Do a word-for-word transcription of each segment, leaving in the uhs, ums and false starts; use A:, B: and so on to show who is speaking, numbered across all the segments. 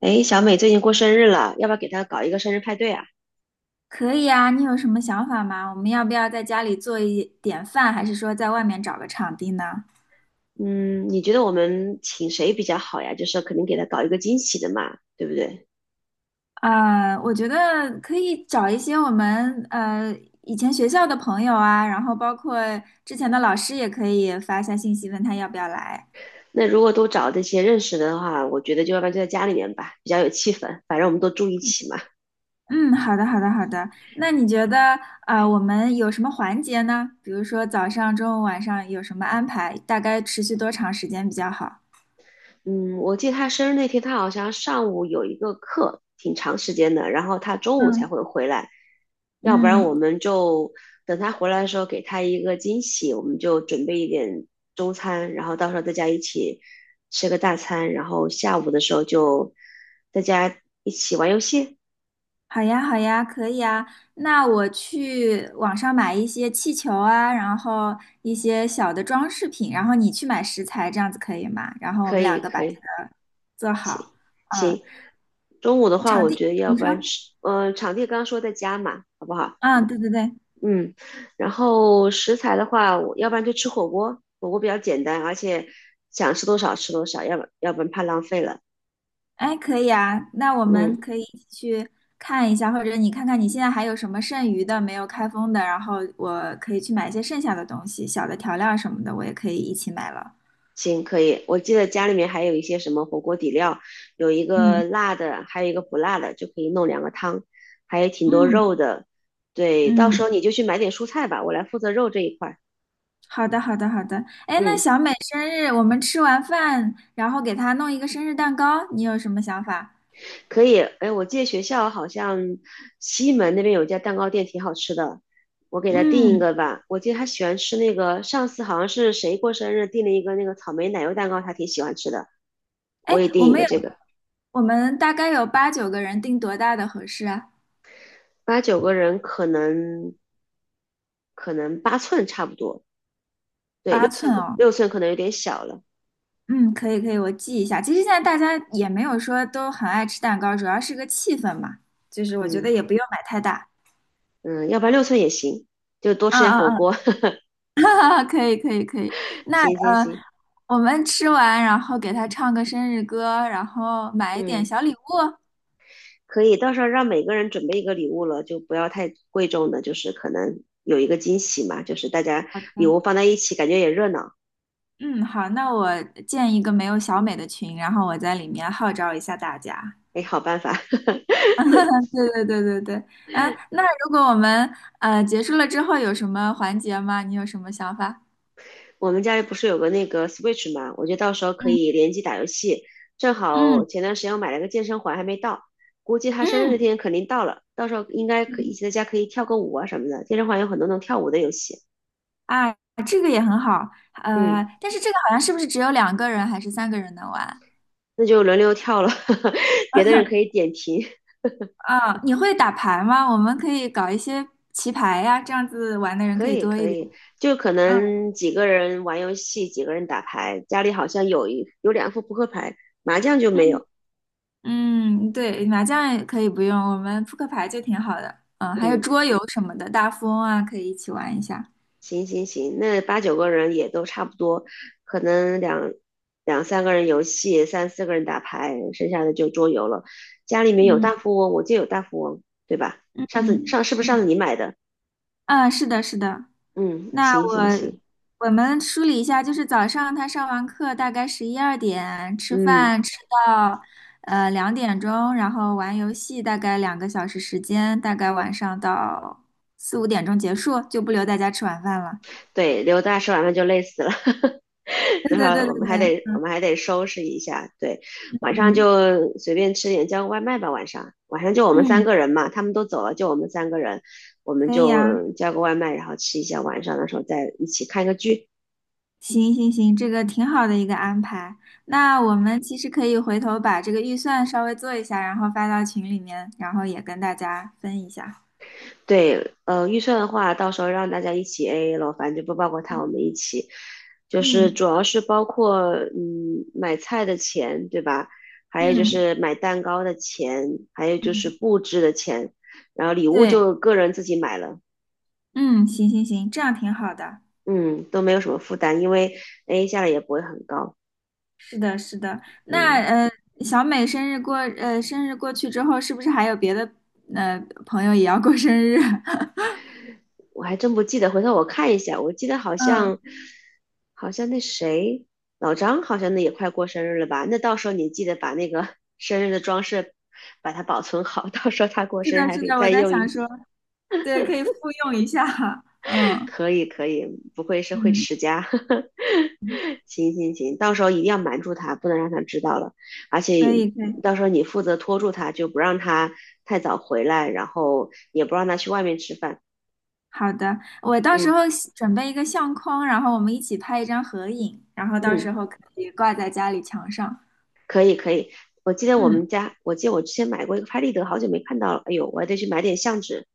A: 诶，小美最近过生日了，要不要给她搞一个生日派对啊？
B: 可以啊，你有什么想法吗？我们要不要在家里做一点饭，还是说在外面找个场地呢？
A: 嗯，你觉得我们请谁比较好呀？就是肯定给她搞一个惊喜的嘛，对不对？
B: 呃，我觉得可以找一些我们呃以前学校的朋友啊，然后包括之前的老师也可以发一下信息，问他要不要来。
A: 那如果都找这些认识的话，我觉得就要不然就在家里面吧，比较有气氛，反正我们都住一
B: 嗯，
A: 起嘛。
B: 嗯，好的，好的，好的。那你觉得啊，我们有什么环节呢？比如说早上、中午、晚上有什么安排？大概持续多长时间比较好？
A: 嗯，我记得他生日那天，他好像上午有一个课，挺长时间的，然后他中午才
B: 嗯，
A: 会回来，要不然我
B: 嗯，
A: 们就等他回来的时候给他一个惊喜，我们就准备一点中餐，然后到时候大家一起吃个大餐，然后下午的时候就大家一起玩游戏，
B: 好呀，好呀，可以啊。那我去网上买一些气球啊，然后一些小的装饰品，然后你去买食材，这样子可以吗？然后我
A: 可
B: 们
A: 以，
B: 两个把
A: 可
B: 这
A: 以，
B: 个做
A: 行，
B: 好。嗯，
A: 行。中午的话，我觉得要
B: 你
A: 不然
B: 说？
A: 吃，嗯、场地刚刚说在家嘛，好不好？
B: 嗯，对对对，
A: 嗯，然后食材的话，我要不然就吃火锅，火锅比较简单，而且想吃多少吃多少，要不要不然怕浪费了。
B: 哎，可以啊。那我
A: 嗯，
B: 们可以一起去看一下，或者你看看你现在还有什么剩余的没有开封的，然后我可以去买一些剩下的东西，小的调料什么的，我也可以一起买了。
A: 行，可以。我记得家里面还有一些什么火锅底料，有一个
B: 嗯
A: 辣的，还有一个不辣的，就可以弄两个汤，还有挺多
B: 嗯
A: 肉的。对，到时
B: 嗯。
A: 候你就去买点蔬菜吧，我来负责肉这一块儿。
B: 好的，好的，好的。哎，那
A: 嗯，
B: 小美生日，我们吃完饭，然后给她弄一个生日蛋糕，你有什么想法？
A: 可以，哎，我记得学校好像西门那边有一家蛋糕店挺好吃的，我给他订一
B: 嗯，
A: 个吧。我记得他喜欢吃那个，上次好像是谁过生日订了一个那个草莓奶油蛋糕，他挺喜欢吃的，我
B: 哎，
A: 也
B: 我
A: 订一
B: 们
A: 个
B: 有，
A: 这个。
B: 我们大概有八九个人，定多大的合适啊？
A: 八九个人可能可能八寸差不多，对，六
B: 八寸
A: 寸可
B: 哦。
A: 六寸可能有点小了，
B: 嗯，可以，可以，我记一下。其实现在大家也没有说都很爱吃蛋糕，主要是个气氛嘛。就是我觉得
A: 嗯
B: 也不用买太大。
A: 嗯，要不然六寸也行，就多
B: 啊
A: 吃点火
B: 啊
A: 锅。
B: 啊！可以，可以，可以。那
A: 行行
B: 呃，
A: 行，
B: 我们吃完，然后给她唱个生日歌，然后买一点
A: 嗯。
B: 小礼物。
A: 可以，到时候让每个人准备一个礼物了，就不要太贵重的，就是可能有一个惊喜嘛，就是大家
B: 好
A: 礼
B: 的。
A: 物放在一起，感觉也热闹。
B: 嗯，好，那我建一个没有小美的群，然后我在里面号召一下大家。
A: 哎，好办法。
B: 对对对对对，啊，那如果我们呃结束了之后有什么环节吗？你有什么想法？
A: 我们家里不是有个那个 Switch 嘛，我觉得到时候可
B: 嗯
A: 以联机打游戏。正好
B: 嗯
A: 前段时间我买了个健身环，还没到，估计他生日那
B: 嗯，
A: 天肯定到了，到时候应该可以一
B: 嗯，
A: 起在家可以跳个舞啊什么的。健身环有很多能跳舞的游戏，
B: 啊，这个也很好，呃，
A: 嗯，
B: 但是这个好像是不是只有两个人还是三个人能玩？
A: 那就轮流跳了，别的人 可以点评。
B: 啊，你会打牌吗？我们可以搞一些棋牌呀，这样子玩的人
A: 可
B: 可以
A: 以
B: 多一
A: 可
B: 点。
A: 以，就可能几个人玩游戏，几个人打牌，家里好像有一有两副扑克牌，麻将就没
B: 嗯
A: 有。
B: 嗯，对，麻将也可以不用，我们扑克牌就挺好的。嗯，还有
A: 嗯，
B: 桌游什么的，大富翁啊，可以一起玩一下。
A: 行行行，那八九个人也都差不多，可能两两三个人游戏，三四个人打牌，剩下的就桌游了。家里面有
B: 嗯
A: 大富翁，我就有大富翁，对吧？
B: 嗯
A: 上次
B: 嗯，
A: 上是不是上次
B: 嗯，
A: 你买的？
B: 啊是的，是的。
A: 嗯，
B: 那
A: 行行
B: 我
A: 行，
B: 我们梳理一下，就是早上他上完课大概十一二点吃
A: 嗯。
B: 饭，吃到呃两点钟，然后玩游戏大概两个小时时间，大概晚上到四五点钟结束，就不留大家吃晚饭了。
A: 对，刘大吃完饭就累死了，
B: 对
A: 等会
B: 对
A: 儿
B: 对
A: 我
B: 对
A: 们还得
B: 对，
A: 我们还得收拾一下。对，晚上
B: 嗯
A: 就随便吃点，叫个外卖吧。晚上晚上就我们三
B: 嗯，
A: 个人嘛，他们都走了，就我们三个人，我们
B: 可以啊。
A: 就叫个外卖，然后吃一下。晚上的时候再一起看个剧，
B: 行行行，这个挺好的一个安排。那我们其实可以回头把这个预算稍微做一下，然后发到群里面，然后也跟大家分一下。
A: 对，呃，预算的话，到时候让大家一起 A A 咯，反正就不包括他，我
B: 嗯
A: 们一起，就是
B: 嗯
A: 主要是包括嗯买菜的钱，对吧？还有就
B: 嗯，
A: 是买蛋糕的钱，还有就是
B: 嗯，
A: 布置的钱，然后礼物
B: 对，
A: 就个人自己买了，
B: 嗯，行行行，这样挺好的。
A: 嗯，都没有什么负担，因为 A A 下来也不会很高，
B: 是的，是的。那
A: 嗯。
B: 呃，小美生日过呃生日过去之后，是不是还有别的呃朋友也要过生日？
A: 我还真不记得，回头我看一下。我记得好
B: 嗯，
A: 像，好像那谁，老张好像那也快过生日了吧？那到时候你记得把那个 生日的装饰，把它保存好，到时候他过
B: 是
A: 生日
B: 的，
A: 还
B: 是
A: 可以
B: 的，我
A: 再
B: 在
A: 用一
B: 想
A: 次。
B: 说，对，可以复用一下。嗯
A: 可以可以，不愧是会
B: 嗯，
A: 持家。行行行，到时候一定要瞒住他，不能让他知道了。而且
B: 可以可以。
A: 到时候你负责拖住他，就不让他太早回来，然后也不让他去外面吃饭。
B: 好的，我到时
A: 嗯
B: 候喜准备一个相框，然后我们一起拍一张合影，然后到
A: 嗯。
B: 时候可以挂在家里墙上。
A: 可以可以，我记得我
B: 嗯
A: 们家，我记得我之前买过一个拍立得，好久没看到了。哎呦，我还得去买点相纸。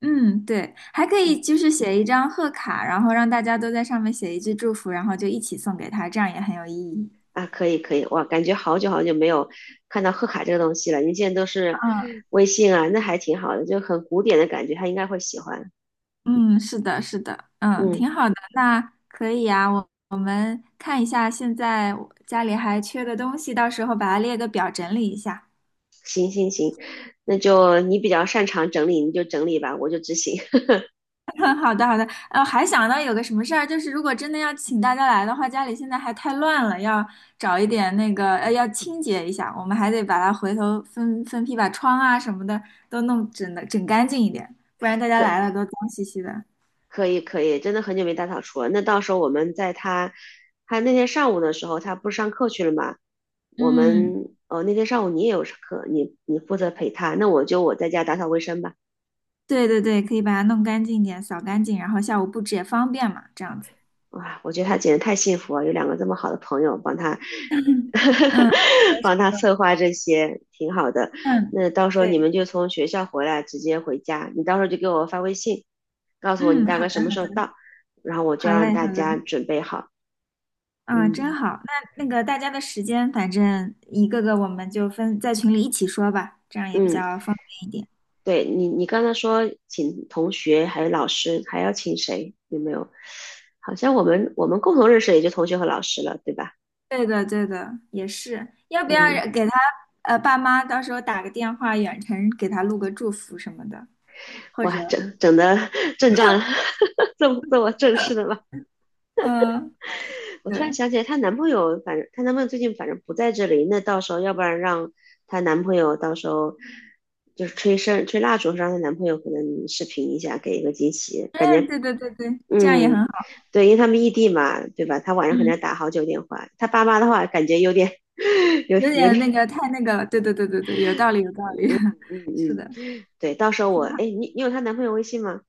B: 嗯，对，还可
A: 嗯
B: 以就是写一张贺卡，然后让大家都在上面写一句祝福，然后就一起送给他，这样也很有意义。
A: 啊，可以可以，哇，感觉好久好久没有看到贺卡这个东西了。您现在都是
B: 嗯
A: 微信啊，那还挺好的，就很古典的感觉，他应该会喜欢。
B: 嗯，是的，是的，嗯，
A: 嗯，
B: 挺好的。那可以啊，我我们看一下现在我家里还缺的东西，到时候把它列个表整理一下。
A: 那就你比较擅长整理，你就整理吧，我就执行。
B: 好的，好的，呃，还想到有个什么事儿，就是如果真的要请大家来的话，家里现在还太乱了，要找一点那个，呃，要清洁一下，我们还得把它回头分分批把窗啊什么的都弄整的整干净一点，不然大家来了 都脏兮兮的。
A: 可以可以，真的很久没打扫除了。那到时候我们在他他那天上午的时候，他不是上课去了嘛？我
B: 嗯，
A: 们哦，那天上午你也有课，你你负责陪他，那我就我在家打扫卫生吧。
B: 对对对，可以把它弄干净一点，扫干净，然后下午布置也方便嘛，这样子。
A: 哇，我觉得他简直太幸福了，有两个这么好的朋友帮他
B: 嗯
A: 帮他策划这些，挺好的。
B: 嗯，
A: 那到时候你
B: 对，
A: 们就从学校回来直接回家，你到时候就给我发微信，告诉我你
B: 嗯，
A: 大
B: 好
A: 概
B: 的
A: 什么时
B: 好
A: 候
B: 的，
A: 到，然后我就
B: 好
A: 让
B: 嘞好
A: 大家
B: 嘞。
A: 准备好。
B: 啊，真
A: 嗯
B: 好。那那个大家的时间，反正一个个我们就分在群里一起说吧，这样也比
A: 嗯。
B: 较方便一点。
A: 对你，你刚才说请同学还有老师，还要请谁？有没有？好像我们我们共同认识也就同学和老师了，对吧？
B: 对的，对的，也是。要不要
A: 嗯，
B: 给他呃爸妈到时候打个电话，远程给他录个祝福什么的，或者
A: 哇，整整的 阵仗，这么这么正式的吗？
B: 嗯、
A: 我突然
B: 对，
A: 想起来，她男朋友，反正她男朋友最近反正不在这里，那到时候要不然让她男朋友到时候就是吹声吹蜡烛，让她男朋友可能视频一下，给一个惊喜，感
B: 嗯，
A: 觉
B: 对对对对，这样也很
A: 嗯，
B: 好。
A: 对，因为他们异地嘛，对吧？他晚上可能
B: 嗯，
A: 要打好久电话。他爸妈的话，感觉有点，有
B: 有
A: 有
B: 点
A: 点，
B: 那个太那个了。对对对对对，有道理有道理。
A: 嗯
B: 是
A: 嗯，
B: 的，
A: 对。到时候我，
B: 挺好。
A: 哎，你你有她男朋友微信吗？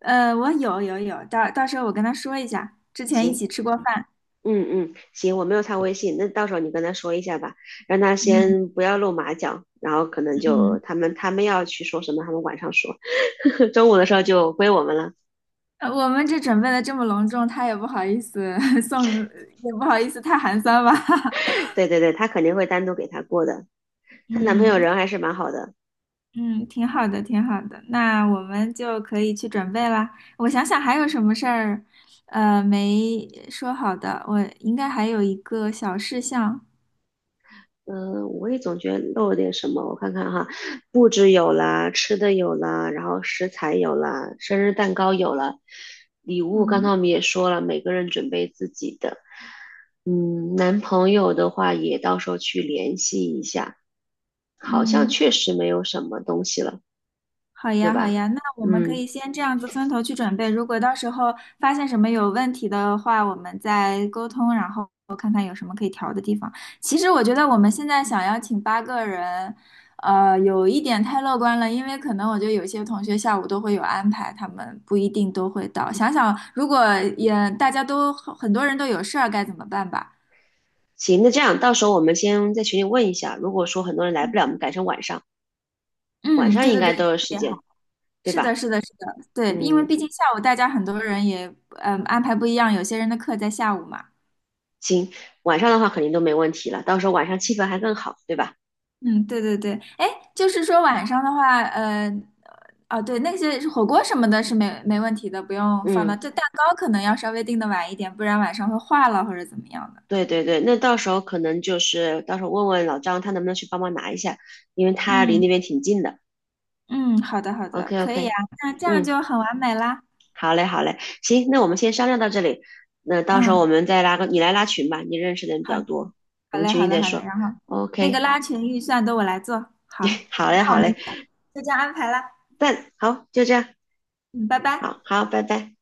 B: 呃，我有有有，到到时候我跟他说一下，之前一
A: 行，
B: 起吃过饭。
A: 嗯嗯，行，我没有她微信，那到时候你跟她说一下吧，让她
B: 嗯
A: 先不要露马脚，然后可能就
B: 嗯。
A: 他们他们要去说什么，他们晚上说，中午的时候就归我们了。
B: 呃我们这准备的这么隆重，他也不好意思 送，也不好意思太寒酸吧。
A: 对对对，她肯定会单独给他过的。她男朋友
B: 嗯
A: 人还是蛮好的，
B: 嗯，挺好的，挺好的。那我们就可以去准备啦。我想想还有什么事儿，呃，没说好的。我应该还有一个小事项。
A: 嗯，我也总觉得漏了点什么，我看看哈，布置有了，吃的有了，然后食材有了，生日蛋糕有了，礼物刚才
B: 嗯
A: 我们也说了，每个人准备自己的。嗯，男朋友的话也到时候去联系一下，好像
B: 嗯。
A: 确实没有什么东西了，
B: 好
A: 对
B: 呀，好
A: 吧？
B: 呀，那我们可
A: 嗯，
B: 以先这样子分头去准备。如果到时候发现什么有问题的话，我们再沟通，然后看看有什么可以调的地方。其实我觉得我们现在想要请八个人，呃，有一点太乐观了，因为可能我觉得有些同学下午都会有安排，他们不一定都会到。想想如果也大家都很多人都有事儿，该怎么办吧？
A: 行，那这样到时候我们先在群里问一下，如果说很多人来不
B: 嗯，
A: 了，我们改成晚上，晚
B: 嗯，
A: 上
B: 对
A: 应
B: 对
A: 该
B: 对，这
A: 都有
B: 个
A: 时
B: 也
A: 间，对
B: 是的，
A: 吧？
B: 是的，是的，对，因为
A: 嗯。
B: 毕竟下午大家很多人也嗯安排不一样，有些人的课在下午嘛。
A: 行，晚上的话肯定都没问题了，到时候晚上气氛还更好，对吧？
B: 嗯，对对对，哎，就是说晚上的话，呃，哦，对，那些火锅什么的是没没问题的，不用放到。
A: 嗯，
B: 这蛋糕可能要稍微定的晚一点，不然晚上会化了或者怎么样的。
A: 对对对，那到时候可能就是到时候问问老张他能不能去帮忙拿一下，因为他离那
B: 嗯
A: 边挺近的。
B: 嗯，好的好
A: OK
B: 的，可以啊，
A: OK，
B: 那这样
A: 嗯，
B: 就很完美啦。
A: 好嘞好嘞，行，那我们先商量到这里，那到时候我
B: 嗯，
A: 们再拉个你来拉群吧，你认识的人比
B: 好，
A: 较多，我
B: 好
A: 们
B: 嘞，
A: 群
B: 好
A: 里
B: 嘞，
A: 再
B: 好嘞。
A: 说。
B: 然后那个
A: OK，
B: 拉群预算都我来做，好，
A: 好嘞
B: 那我
A: 好
B: 们
A: 嘞，
B: 就这样安排啦。
A: 但好就这样，
B: 嗯，拜拜。
A: 好好，拜拜。